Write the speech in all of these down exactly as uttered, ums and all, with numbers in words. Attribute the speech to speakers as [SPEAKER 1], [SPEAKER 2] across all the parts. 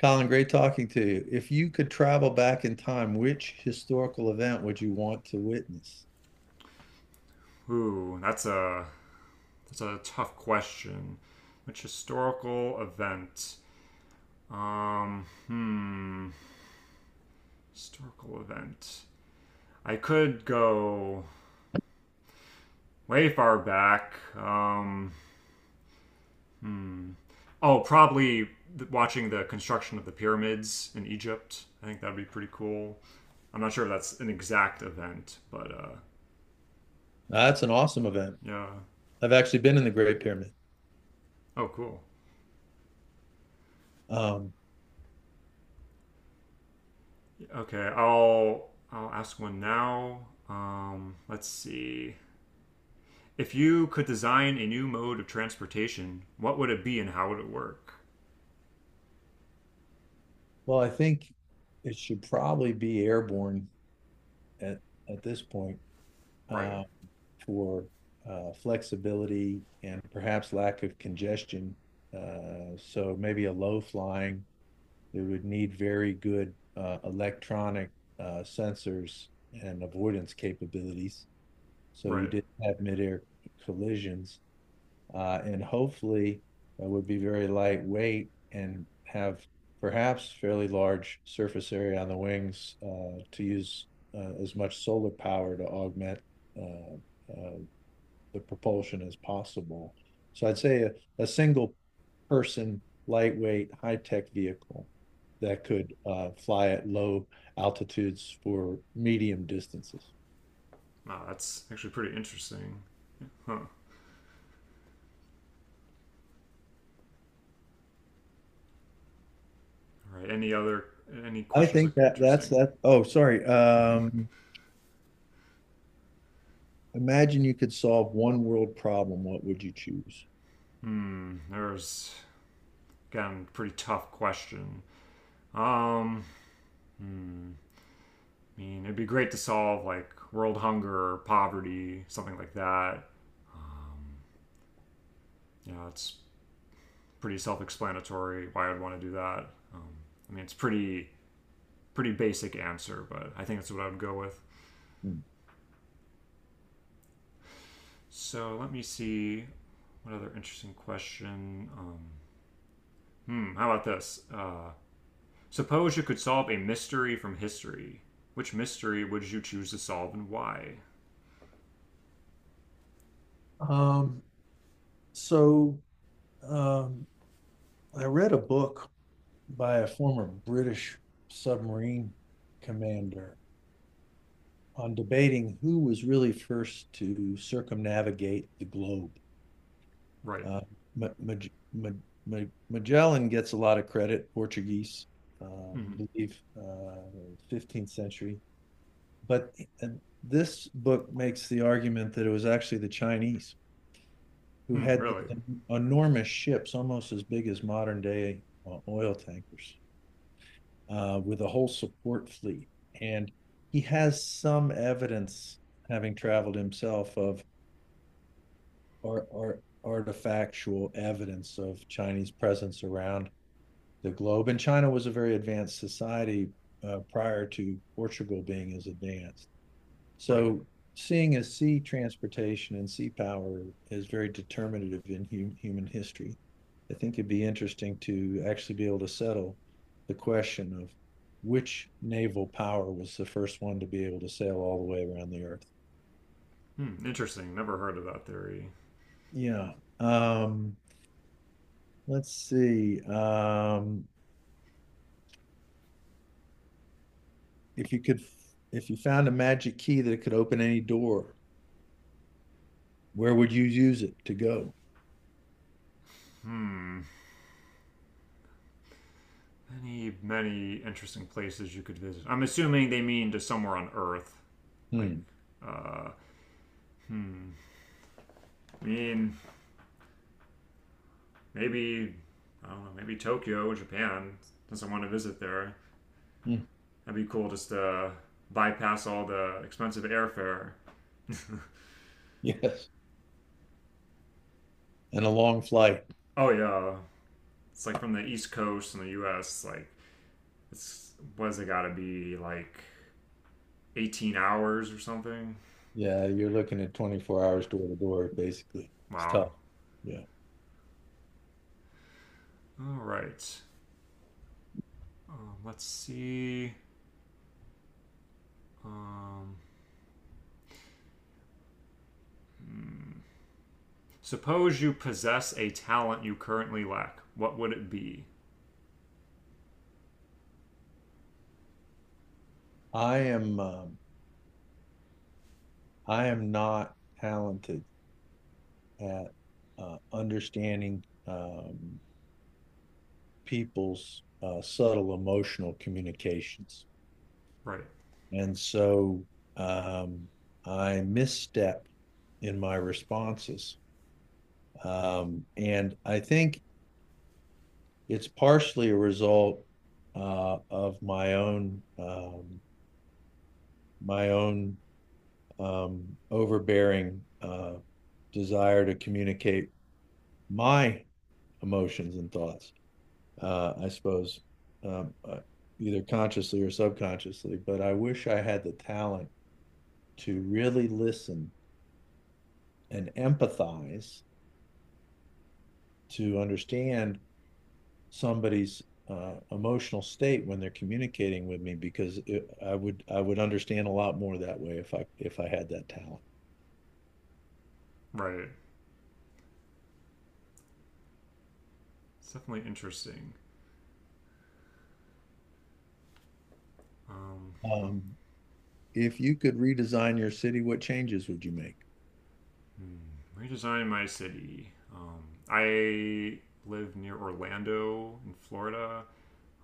[SPEAKER 1] Colin, great talking to you. If you could travel back in time, which historical event would you want to witness?
[SPEAKER 2] Ooh, that's a that's a tough question. Which historical event? Um, hmm, historical event. I could go way far back. Um, oh, probably watching the construction of the pyramids in Egypt. I think that'd be pretty cool. I'm not sure if that's an exact event, but uh,
[SPEAKER 1] That's an awesome event.
[SPEAKER 2] yeah.
[SPEAKER 1] I've actually been in the Great Pyramid.
[SPEAKER 2] Oh, cool.
[SPEAKER 1] Um,
[SPEAKER 2] Okay, I'll I'll ask one now. Um, let's see. If you could design a new mode of transportation, what would it be and how would it work?
[SPEAKER 1] well, I think it should probably be airborne at at this point,
[SPEAKER 2] Right,
[SPEAKER 1] uh, for uh, flexibility and perhaps lack of congestion. Uh, so maybe a low flying. It would need very good uh, electronic uh, sensors and avoidance capabilities. So you
[SPEAKER 2] right.
[SPEAKER 1] did not have midair collisions. Uh, and hopefully it would be very lightweight and have perhaps fairly large surface area on the wings uh, to use uh, as much solar power to augment uh, uh, the propulsion as possible. So I'd say a, a single person, lightweight, high tech vehicle that could uh, fly at low altitudes for medium distances.
[SPEAKER 2] Wow, that's actually pretty interesting. Huh. All right. Any other any
[SPEAKER 1] I
[SPEAKER 2] questions
[SPEAKER 1] think
[SPEAKER 2] look
[SPEAKER 1] that that's
[SPEAKER 2] interesting?
[SPEAKER 1] that. Oh, sorry. Um, imagine you could solve one world problem. What would you choose?
[SPEAKER 2] Hmm. There's again pretty tough question. Um. Hmm. I mean, it'd be great to solve like world hunger or poverty, something like that. Um, yeah, it's pretty self-explanatory why I'd want to do that. Um, I mean, it's pretty pretty basic answer, but I think that's what I would go with.
[SPEAKER 1] Hmm.
[SPEAKER 2] So let me see what other interesting question. Um, hmm, how about this? Uh, suppose you could solve a mystery from history. Which mystery would you choose to solve and why?
[SPEAKER 1] Um, so um, I read a book by a former British submarine commander on debating who was really first to circumnavigate the globe.
[SPEAKER 2] Right.
[SPEAKER 1] Uh, Ma- Maj- Ma- Ma- Magellan gets a lot of credit, Portuguese, uh, I
[SPEAKER 2] Hmm.
[SPEAKER 1] believe, uh, fifteenth century. But and this book makes the argument that it was actually the Chinese who
[SPEAKER 2] Hmm,
[SPEAKER 1] had
[SPEAKER 2] really?
[SPEAKER 1] enormous ships, almost as big as modern day uh, oil tankers, uh, with a whole support fleet. And he has some evidence, having traveled himself, of or, or artifactual evidence of Chinese presence around the globe. And China was a very advanced society uh, prior to Portugal being as advanced.
[SPEAKER 2] Right.
[SPEAKER 1] So seeing as sea transportation and sea power is very determinative in hu- human history, I think it'd be interesting to actually be able to settle the question of which naval power was the first one to be able to sail all the way around the earth.
[SPEAKER 2] Hmm, interesting. Never heard of that theory.
[SPEAKER 1] Yeah. Um, let's see. Um, if you could, if you found a magic key that could open any door, where would you use it to go?
[SPEAKER 2] Hmm. Many, many interesting places you could visit. I'm assuming they mean to somewhere on Earth. Like,
[SPEAKER 1] Hmm.
[SPEAKER 2] uh, hmm. I mean, maybe I don't know, maybe Tokyo, Japan, since I want to visit there.
[SPEAKER 1] Hmm.
[SPEAKER 2] That'd be cool just to bypass all the expensive airfare.
[SPEAKER 1] Yes. And a long flight.
[SPEAKER 2] Oh yeah, it's like from the East Coast in the U S. Like it's what has it got to be like eighteen hours or something?
[SPEAKER 1] Yeah, you're looking at twenty-four hours door to door, basically. It's
[SPEAKER 2] Wow.
[SPEAKER 1] tough. Yeah.
[SPEAKER 2] All right. Um, let's see. Um, suppose you possess a talent you currently lack. What would it be?
[SPEAKER 1] I am um, I am not talented at uh, understanding um, people's uh, subtle emotional communications.
[SPEAKER 2] Right.
[SPEAKER 1] And so um, I misstep in my responses. Um, and I think it's partially a result uh, of my own um, my own um, overbearing uh, desire to communicate my emotions and thoughts. Uh, I suppose um, uh, either consciously or subconsciously, but I wish I had the talent to really listen and empathize to understand somebody's uh, emotional state when they're communicating with me because it, I would I would understand a lot more that way if I if I had that talent.
[SPEAKER 2] Right. It's definitely interesting. Um.
[SPEAKER 1] Um, if you could redesign your city, what changes would you make?
[SPEAKER 2] Hmm, redesign my city. Um, I live near Orlando in Florida.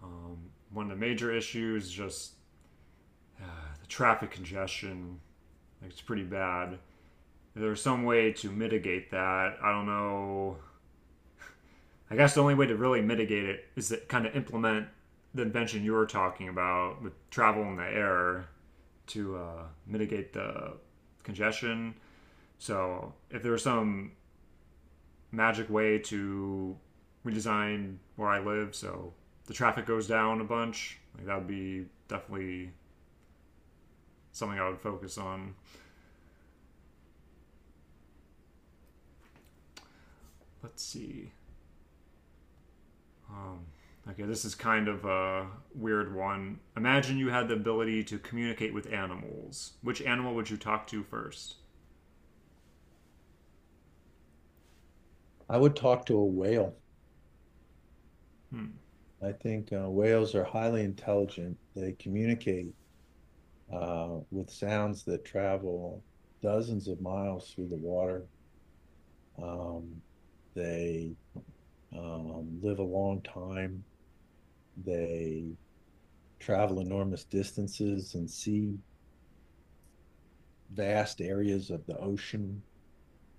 [SPEAKER 2] Um, one of the major issues is just uh, the traffic congestion. Like, it's pretty bad. If there's some way to mitigate that. I don't know. I guess the only way to really mitigate it is to kind of implement the invention you were talking about with travel in the air to uh, mitigate the congestion. So if there's some magic way to redesign where I live, so the traffic goes down a bunch. Like that would be definitely something I would focus on. Let's see. Um, okay, this is kind of a weird one. Imagine you had the ability to communicate with animals. Which animal would you talk to first?
[SPEAKER 1] I would talk to a whale.
[SPEAKER 2] Hmm.
[SPEAKER 1] I think uh, whales are highly intelligent. They communicate uh, with sounds that travel dozens of miles through the water. Um, they um, live a long time. They travel enormous distances and see vast areas of the ocean.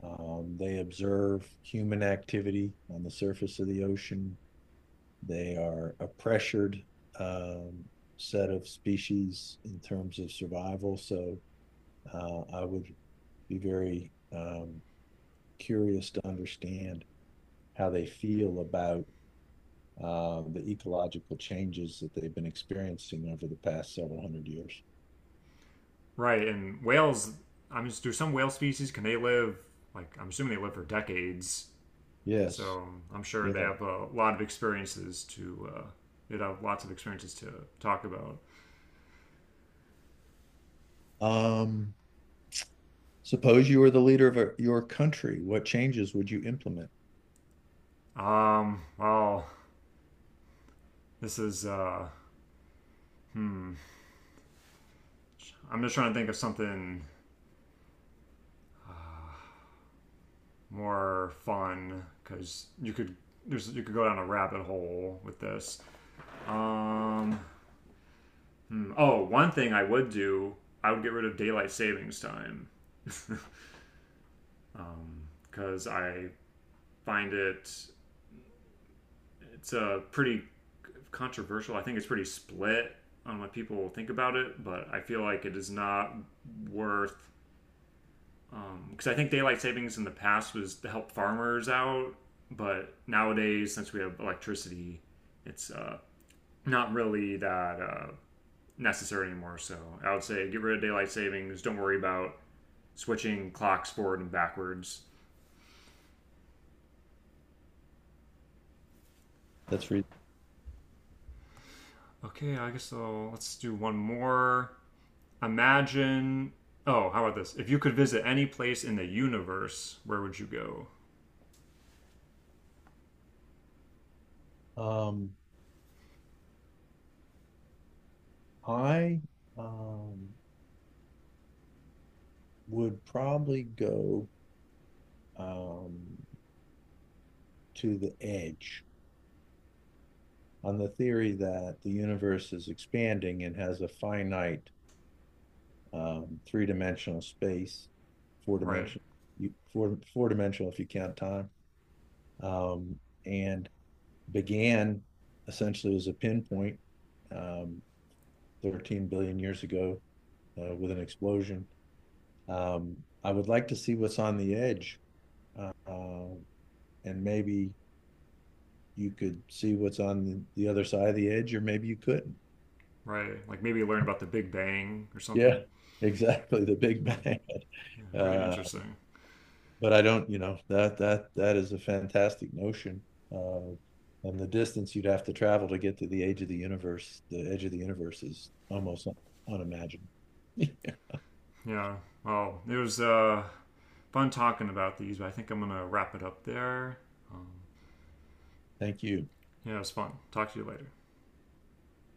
[SPEAKER 1] Um, they observe human activity on the surface of the ocean. They are a pressured um, set of species in terms of survival. So uh, I would be very um, curious to understand how they feel about uh, the ecological changes that they've been experiencing over the past several hundred years.
[SPEAKER 2] Right, and whales. I'm just. Do some whale species can they live? Like I'm assuming they live for decades.
[SPEAKER 1] Yes,
[SPEAKER 2] So I'm sure they
[SPEAKER 1] yeah.
[SPEAKER 2] have a lot of experiences to. Uh, they'd have lots of experiences to talk about.
[SPEAKER 1] Um, Suppose you were the leader of a- your country, what changes would you implement?
[SPEAKER 2] Um, well, this is. Uh, hmm. I'm just trying to think of something more fun because you could there's you could go down a rabbit hole with this. Um, hmm. Oh, one thing I would do, I would get rid of daylight savings time because I find it It's a pretty controversial. I think it's pretty split on what people think about it, but I feel like it is not worth um, because I think daylight savings in the past was to help farmers out, but nowadays since we have electricity, it's uh, not really that uh, necessary anymore. So I would say get rid of daylight savings. Don't worry about switching clocks forward and backwards.
[SPEAKER 1] That's reason.
[SPEAKER 2] Okay, I guess I'll, let's do one more. Imagine. Oh, how about this? If you could visit any place in the universe, where would you go?
[SPEAKER 1] Um, I, um, would probably go, um, to the edge on the theory that the universe is expanding and has a finite, um, three-dimensional space,
[SPEAKER 2] Right,
[SPEAKER 1] four-dimensional, four, four-dimensional if you count time, um, and began essentially as a pinpoint, um, thirteen billion years ago uh, with an explosion. Um, I would like to see what's on the edge, uh, and maybe you could see what's on the other side of the edge, or maybe you couldn't.
[SPEAKER 2] right. Like maybe learn about the Big Bang or
[SPEAKER 1] Yeah,
[SPEAKER 2] something.
[SPEAKER 1] exactly. The big
[SPEAKER 2] Hmm.
[SPEAKER 1] bang.
[SPEAKER 2] Yeah, pretty
[SPEAKER 1] Uh,
[SPEAKER 2] interesting.
[SPEAKER 1] but I don't, you know, that that that is a fantastic notion. Uh, and the distance you'd have to travel to get to the edge of the universe, the edge of the universe is almost unimaginable.
[SPEAKER 2] Yeah. Well, it was uh, fun talking about these, but I think I'm gonna wrap it up there. Um,
[SPEAKER 1] Thank you.
[SPEAKER 2] yeah, it was fun. Talk to you later.